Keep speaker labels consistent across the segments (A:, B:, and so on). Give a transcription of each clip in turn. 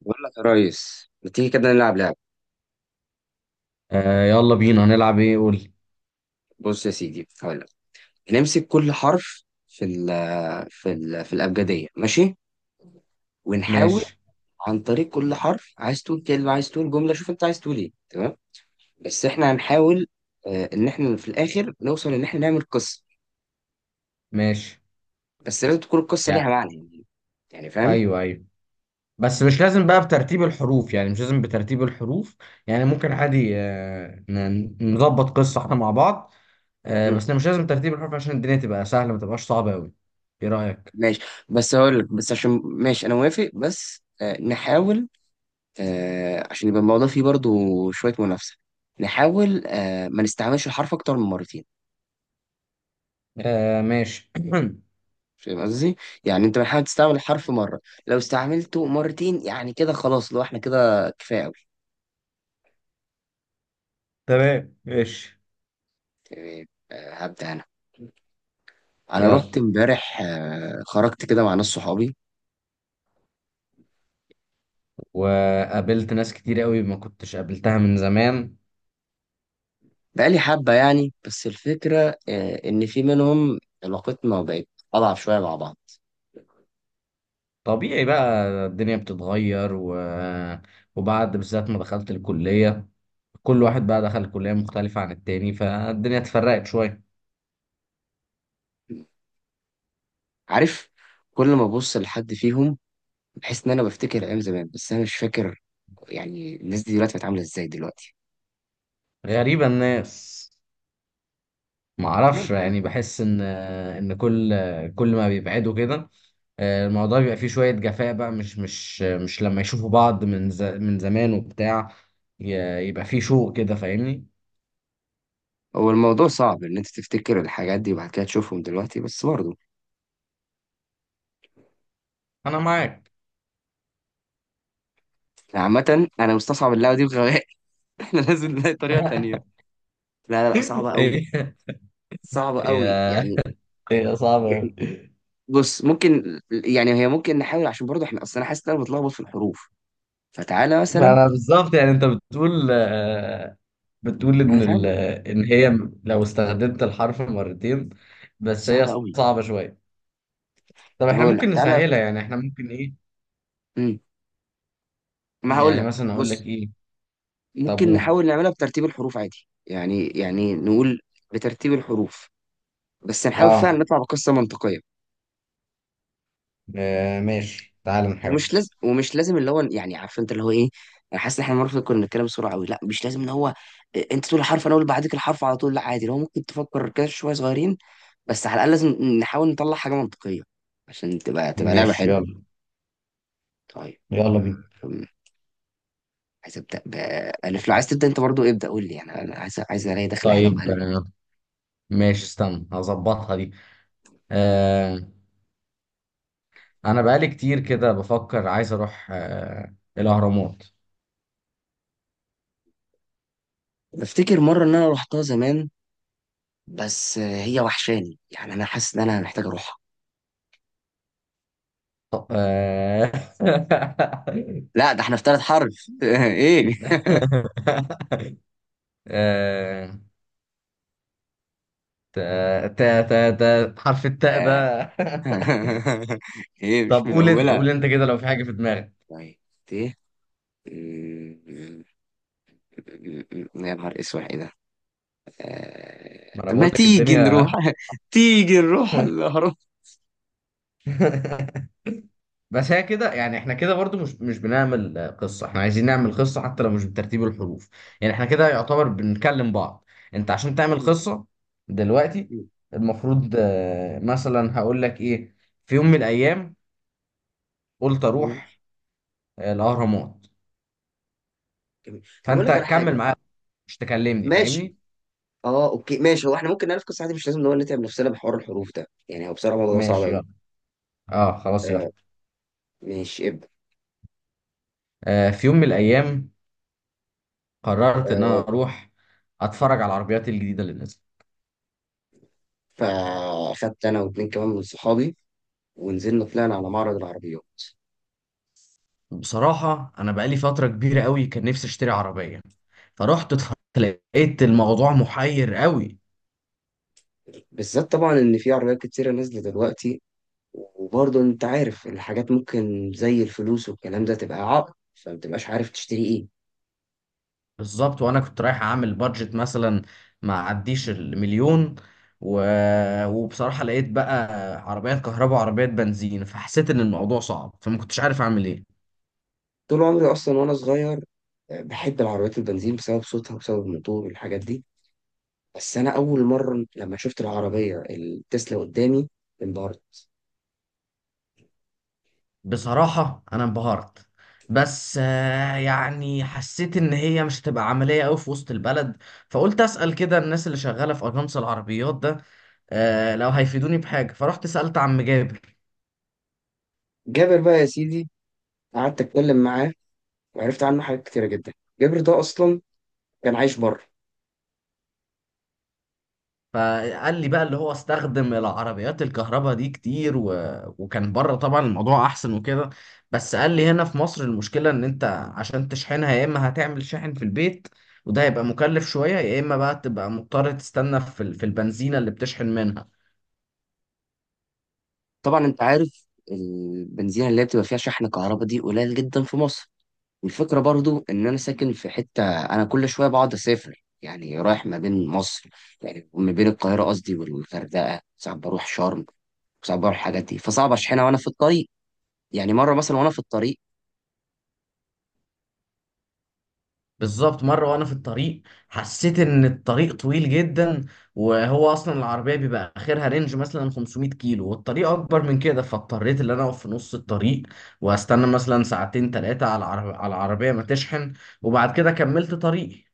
A: بقول لك يا ريس ما تيجي كده نلعب لعبة.
B: آه، يلا بينا، هنلعب ايه؟ قول.
A: بص يا سيدي هقول لك، نمسك كل حرف في ال في الأبجدية ماشي، ونحاول
B: ماشي.
A: عن طريق كل حرف. عايز تقول كلمة، عايز تقول جملة، شوف أنت عايز تقول إيه. تمام. بس إحنا هنحاول، إن إحنا في الآخر نوصل إن إحنا نعمل قصة.
B: ماشي.
A: بس لازم تكون القصة
B: يعني
A: ليها معنى. يعني فاهم؟
B: ايوه، ايوه، بس مش لازم بقى بترتيب الحروف. يعني مش لازم بترتيب الحروف، يعني ممكن عادي آه نظبط قصة احنا مع بعض. آه
A: مم.
B: بس مش لازم ترتيب الحروف عشان الدنيا تبقى سهلة ما تبقاش صعبة قوي. ايه رأيك؟
A: ماشي. بس هقول لك، بس عشان ماشي، أنا موافق. بس نحاول عشان يبقى الموضوع فيه برضو شوية منافسة. نحاول ما نستعملش الحرف أكتر من مرتين.
B: آه ماشي.
A: فاهم قصدي؟ يعني أنت بنحاول تستعمل الحرف مرة، لو استعملته مرتين يعني كده خلاص. لو إحنا كده كفاية أوي.
B: تمام ماشي.
A: تمام. هبدأ أنا. أنا
B: يلا.
A: رحت إمبارح، خرجت كده مع ناس صحابي
B: وقابلت ناس كتير قوي ما كنتش قابلتها من زمان.
A: بقالي حبة يعني. بس الفكرة إن في منهم علاقتنا بقت أضعف شوية مع بعض.
B: طبيعي بقى، الدنيا بتتغير وبعد بالذات ما دخلت الكلية، كل واحد بقى دخل كلية مختلفة عن التاني، فالدنيا اتفرقت شوية.
A: عارف، كل ما أبص لحد فيهم بحيث ان انا بفتكر ايام زمان، بس انا مش فاكر يعني الناس دي دلوقتي بتعامل ازاي دلوقتي.
B: غريبة الناس. معرفش،
A: ممكن.
B: يعني بحس ان كل كل ما بيبعدوا كده الموضوع بيبقى فيه شوية جفاء بقى، مش لما يشوفوا بعض من زمان وبتاع، يبقى فيه شوق كده، فاهمني.
A: هو الموضوع صعب ان انت تفتكر الحاجات دي وبعد كده تشوفهم دلوقتي، بس برضه
B: انا معاك.
A: يعني عامة انا مستصعب اللعبة دي بغباء. احنا لازم نلاقي طريقة تانية. لا لا لا، صعبة قوي.
B: هي
A: صعبة
B: هي
A: قوي يعني
B: هي صعبة
A: يعني
B: أوي.
A: بص، ممكن يعني هي ممكن نحاول عشان برضه احنا اصل انا حاسس ان انا بتلخبط في الحروف. فتعالى
B: ما
A: مثلا.
B: انا بالظبط. يعني انت بتقول آه، بتقول
A: انا فاهم.
B: ان هي لو استخدمت الحرف مرتين، بس هي
A: صعبة قوي.
B: صعبة شوية. طب
A: طب
B: احنا
A: اقول لك،
B: ممكن
A: تعالى.
B: نسهلها، يعني احنا ممكن ايه.
A: امم ما هقول
B: يعني
A: لك،
B: مثلا اقول لك
A: بص،
B: ايه؟
A: ممكن
B: طابون.
A: نحاول نعملها بترتيب الحروف عادي يعني نقول بترتيب الحروف، بس نحاول فعلا
B: اه.
A: نطلع بقصة منطقية.
B: آه، ماشي، تعال نحاول.
A: ومش لازم اللي هو يعني، عارف انت اللي هو ايه. انا حاسس ان احنا المره كنا بنتكلم بسرعه قوي، لا مش لازم ان هو إيه، انت تقول الحرف انا اقول بعديك الحرف على طول. لا عادي، لو ممكن تفكر كده شويه صغيرين. بس على الاقل لازم نحاول نطلع حاجه منطقيه عشان تبقى لعبه
B: ماشي
A: حلوه.
B: يلا.
A: طيب.
B: يلا بينا.
A: أم، عايز ابدا بالف. لو عايز تبدا انت برضو ابدا قول لي. يعني انا عايز الاقي دخله حلوه
B: طيب
A: بالف.
B: آه، ماشي، استنى هظبطها دي. آه. انا بقالي كتير كده بفكر عايز اروح آه الاهرامات.
A: بفتكر مره ان انا رحتها زمان، بس هي وحشاني يعني انا حاسس ان انا محتاج اروحها.
B: آه.
A: لا، ده احنا في ثالث حرف. ايه.
B: آه، تا حرف التاء ده.
A: آه. ايه، مش
B: طب
A: من
B: قول انت،
A: اولها.
B: قول انت كده لو في حاجة في دماغك.
A: طيب. ايه. م- يا نهار اسود، ايه ده؟
B: ما انا
A: ما
B: بقول لك
A: تيجي نروح
B: الدنيا.
A: تيجي نروح الاهرام.
B: بس هي كده، يعني احنا كده برضو مش بنعمل آه، قصة. احنا عايزين نعمل قصة حتى لو مش بترتيب الحروف. يعني احنا كده يعتبر بنكلم بعض. انت عشان تعمل
A: م-
B: قصة دلوقتي،
A: م-
B: المفروض آه، مثلا هقول لك ايه. في يوم من الايام قلت اروح
A: م-
B: آه، الاهرامات.
A: جميل. طب اقول
B: فانت
A: لك على
B: كمل
A: حاجه.
B: معايا، مش تكلمني،
A: ماشي.
B: فاهمني.
A: اه اوكي ماشي، هو احنا ممكن نعرف قصه عادي، مش لازم نقول نتعب نفسنا بحوار الحروف ده يعني. هو بصراحه الموضوع صعب
B: ماشي
A: قوي.
B: يلا. اه خلاص
A: آه
B: يلا.
A: ماشي، ابدا.
B: آه في يوم من الايام قررت ان انا
A: آه،
B: اروح اتفرج على العربيات الجديده اللي نزلت.
A: فاخدت انا واتنين كمان من صحابي ونزلنا طلعنا على معرض العربيات،
B: بصراحه انا بقالي فتره كبيره قوي كان نفسي اشتري عربيه، فرحت اتفرجت، لقيت الموضوع محير قوي.
A: بالذات طبعا ان في عربيات كتيره نازله دلوقتي. وبرضه انت عارف الحاجات ممكن زي الفلوس والكلام ده تبقى عائق فمتبقاش عارف تشتري ايه.
B: بالظبط. وانا كنت رايح اعمل بادجت مثلا ما عديش المليون و... وبصراحه لقيت بقى عربيات كهرباء وعربيات بنزين، فحسيت ان الموضوع صعب، فما كنتش عارف اعمل ايه.
A: طول عمري اصلا وانا صغير بحب العربيات البنزين بسبب صوتها وبسبب الموتور والحاجات دي. بس انا اول مره لما شفت العربيه التسلا قدامي انبهرت.
B: بصراحة أنا انبهرت، بس آه، يعني حسيت إن هي مش هتبقى عملية أوي في وسط البلد، فقلت أسأل كده الناس اللي شغالة في أجانس العربيات ده آه، لو هيفيدوني بحاجة، فرحت سألت عم جابر.
A: جابر بقى يا سيدي، قعدت اتكلم معاه وعرفت عنه حاجات كتيره جدا. جابر ده اصلا كان عايش بره.
B: فقال لي بقى، اللي هو استخدم العربيات الكهرباء دي كتير وكان بره طبعا الموضوع أحسن وكده، بس قال لي هنا في مصر المشكلة إن أنت عشان تشحنها، يا إما هتعمل شاحن في البيت وده هيبقى مكلف شوية، يا إما بقى تبقى مضطر تستنى في في البنزينة اللي بتشحن منها.
A: طبعا انت عارف البنزينة اللي هي بتبقى فيها شحن كهرباء دي قليل جدا في مصر، والفكرة برضو ان انا ساكن في حتة انا كل شوية بقعد اسافر يعني رايح ما بين مصر، يعني ما بين القاهرة قصدي والغردقة. ساعات بروح شرم، وساعات بروح الحاجات دي. فصعب اشحنها وانا في الطريق. يعني مرة مثلا وانا في الطريق،
B: بالظبط، مرة وأنا في الطريق حسيت إن الطريق طويل جدا، وهو أصلا العربية بيبقى آخرها رينج مثلا 500 كيلو والطريق أكبر من كده، فاضطريت إن أنا أقف في نص الطريق وأستنى مثلا ساعتين تلاتة على على العربية ما تشحن، وبعد كده كملت طريقي.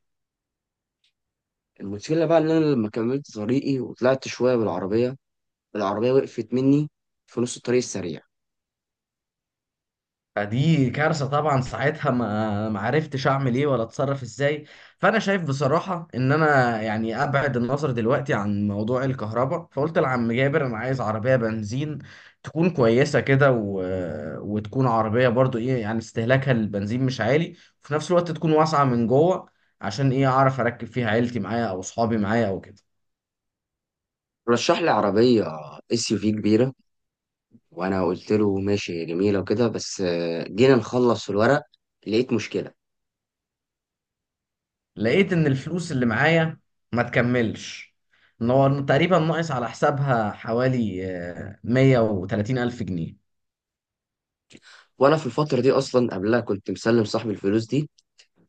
A: المشكلة بقى ان انا لما كملت طريقي وطلعت شوية بالعربية، العربية وقفت مني في نص الطريق السريع.
B: فدي كارثة طبعا ساعتها، ما عرفتش اعمل ايه ولا اتصرف ازاي. فانا شايف بصراحة ان انا يعني ابعد النظر دلوقتي عن موضوع الكهرباء، فقلت لعم جابر انا عايز عربية بنزين تكون كويسة كده وتكون عربية برضو ايه، يعني استهلاكها للبنزين مش عالي، وفي نفس الوقت تكون واسعة من جوه عشان ايه، اعرف اركب فيها عيلتي معايا او اصحابي معايا او كده.
A: رشح لي عربية SUV كبيرة، وانا قلت له ماشي جميله وكده. بس جينا نخلص الورق لقيت مشكله.
B: لقيت ان الفلوس اللي معايا ما تكملش، ان هو تقريبا ناقص على حسابها حوالي آه، 130 الف جنيه.
A: وانا في الفتره دي اصلا قبلها كنت مسلم صاحبي الفلوس دي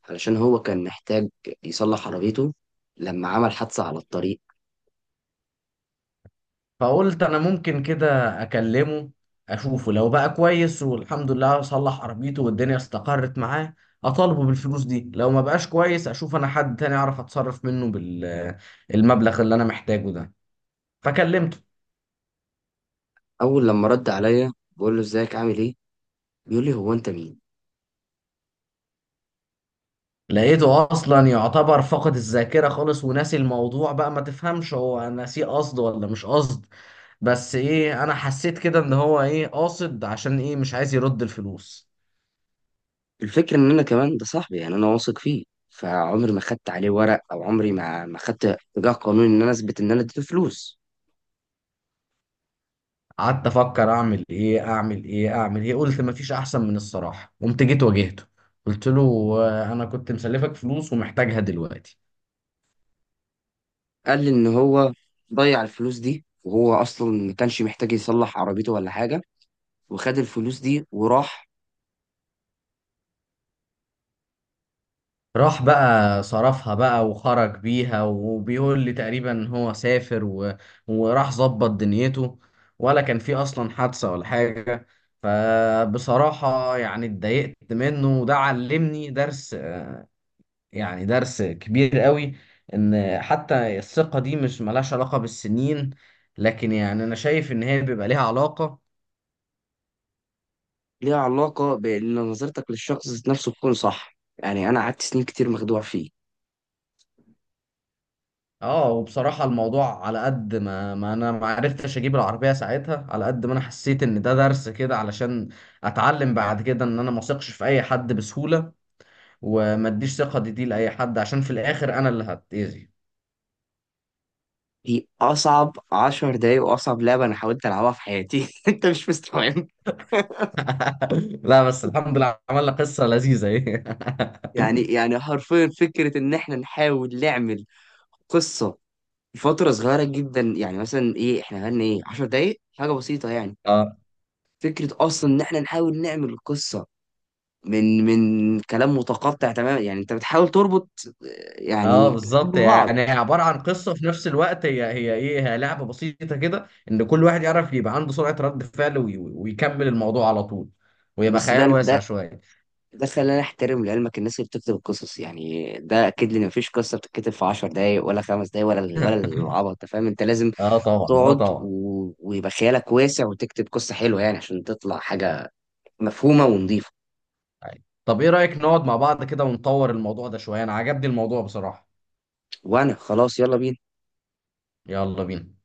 A: علشان هو كان محتاج يصلح عربيته لما عمل حادثه على الطريق.
B: فقلت انا ممكن كده اكلمه، اشوفه لو بقى كويس والحمد لله صلح عربيته والدنيا استقرت معاه اطالبه بالفلوس دي، لو ما بقاش كويس اشوف انا حد تاني اعرف اتصرف منه بالمبلغ اللي انا محتاجه ده. فكلمته.
A: اول لما رد عليا بقول له ازيك عامل ايه، بيقول لي هو انت مين.
B: لقيته اصلا يعتبر فقد الذاكره خالص وناسي الموضوع بقى، ما تفهمش هو ناسيه قصد ولا مش قصد، بس ايه انا حسيت كده ان هو ايه قاصد، عشان ايه مش عايز يرد الفلوس.
A: الفكره ان انا كمان ده صاحبي يعني انا واثق فيه، فعمري ما خدت عليه ورق، او عمري ما خدت اتجاه قانوني ان انا اثبت ان انا اديته فلوس.
B: قعدت افكر اعمل ايه اعمل ايه اعمل ايه، قلت مفيش احسن من الصراحه، قمت جيت واجهته، قلت له آه، انا كنت مسلفك فلوس ومحتاجها دلوقتي.
A: قال لي ان هو ضيع الفلوس دي، وهو اصلا ما كانش محتاج يصلح عربيته ولا حاجه، وخد الفلوس دي وراح.
B: راح بقى صرفها بقى وخرج بيها وبيقول لي تقريبا هو سافر وراح ظبط دنيته، ولا كان في اصلا حادثة ولا حاجة. فبصراحة يعني اتضايقت منه، وده علمني درس، يعني درس كبير قوي، ان حتى الثقة دي مش ملهاش علاقة بالسنين، لكن يعني انا شايف ان هي بيبقى ليها علاقة.
A: ليها علاقة بإن نظرتك للشخص ذات نفسه تكون صح، يعني أنا قعدت سنين كتير مخدوع فيه.
B: اه وبصراحة الموضوع على قد ما, انا ما عرفتش اجيب العربية ساعتها، على قد ما انا حسيت ان ده درس كده علشان اتعلم بعد كده ان انا ما اثقش في اي حد بسهولة، وما اديش ثقة دي لاي حد، عشان في الاخر انا اللي هتأذي.
A: دي أصعب 10 دقايق وأصعب لعبة أنا حاولت ألعبها في حياتي. أنت مش مستوعب.
B: لا بس الحمد لله، عملنا قصة لذيذة ايه.
A: يعني حرفيا فكرة إن إحنا نحاول نعمل قصة فترة صغيرة جدا، يعني مثلا إيه إحنا غنى إيه، 10 دقايق حاجة بسيطة يعني.
B: اه.
A: فكرة أصلا إن إحنا نحاول نعمل قصة من كلام متقطع تماما، يعني أنت بتحاول تربط
B: اه
A: يعني كلمات
B: بالظبط،
A: ببعض.
B: يعني هي عباره عن قصه في نفس الوقت، هي هي ايه هي لعبه بسيطه كده، ان كل واحد يعرف يبقى عنده سرعه رد فعل ويكمل الموضوع على طول، ويبقى
A: بس ده
B: خيال واسع
A: ده
B: شويه.
A: ده خلاني احترم لعلمك الناس اللي بتكتب القصص. يعني ده اكيد لي ان مفيش قصه بتتكتب في 10 دقايق ولا 5 دقايق ولا العبط. انت فاهم، انت لازم
B: اه طبعا، اه
A: تقعد
B: طبعا.
A: و... ويبقى خيالك واسع وتكتب قصه حلوه يعني، عشان تطلع حاجه مفهومه ونظيفه.
B: طيب، طب ايه رأيك نقعد مع بعض كده ونطور الموضوع ده شوية، انا عجبني الموضوع بصراحة.
A: وانا خلاص يلا بينا.
B: يلا بينا.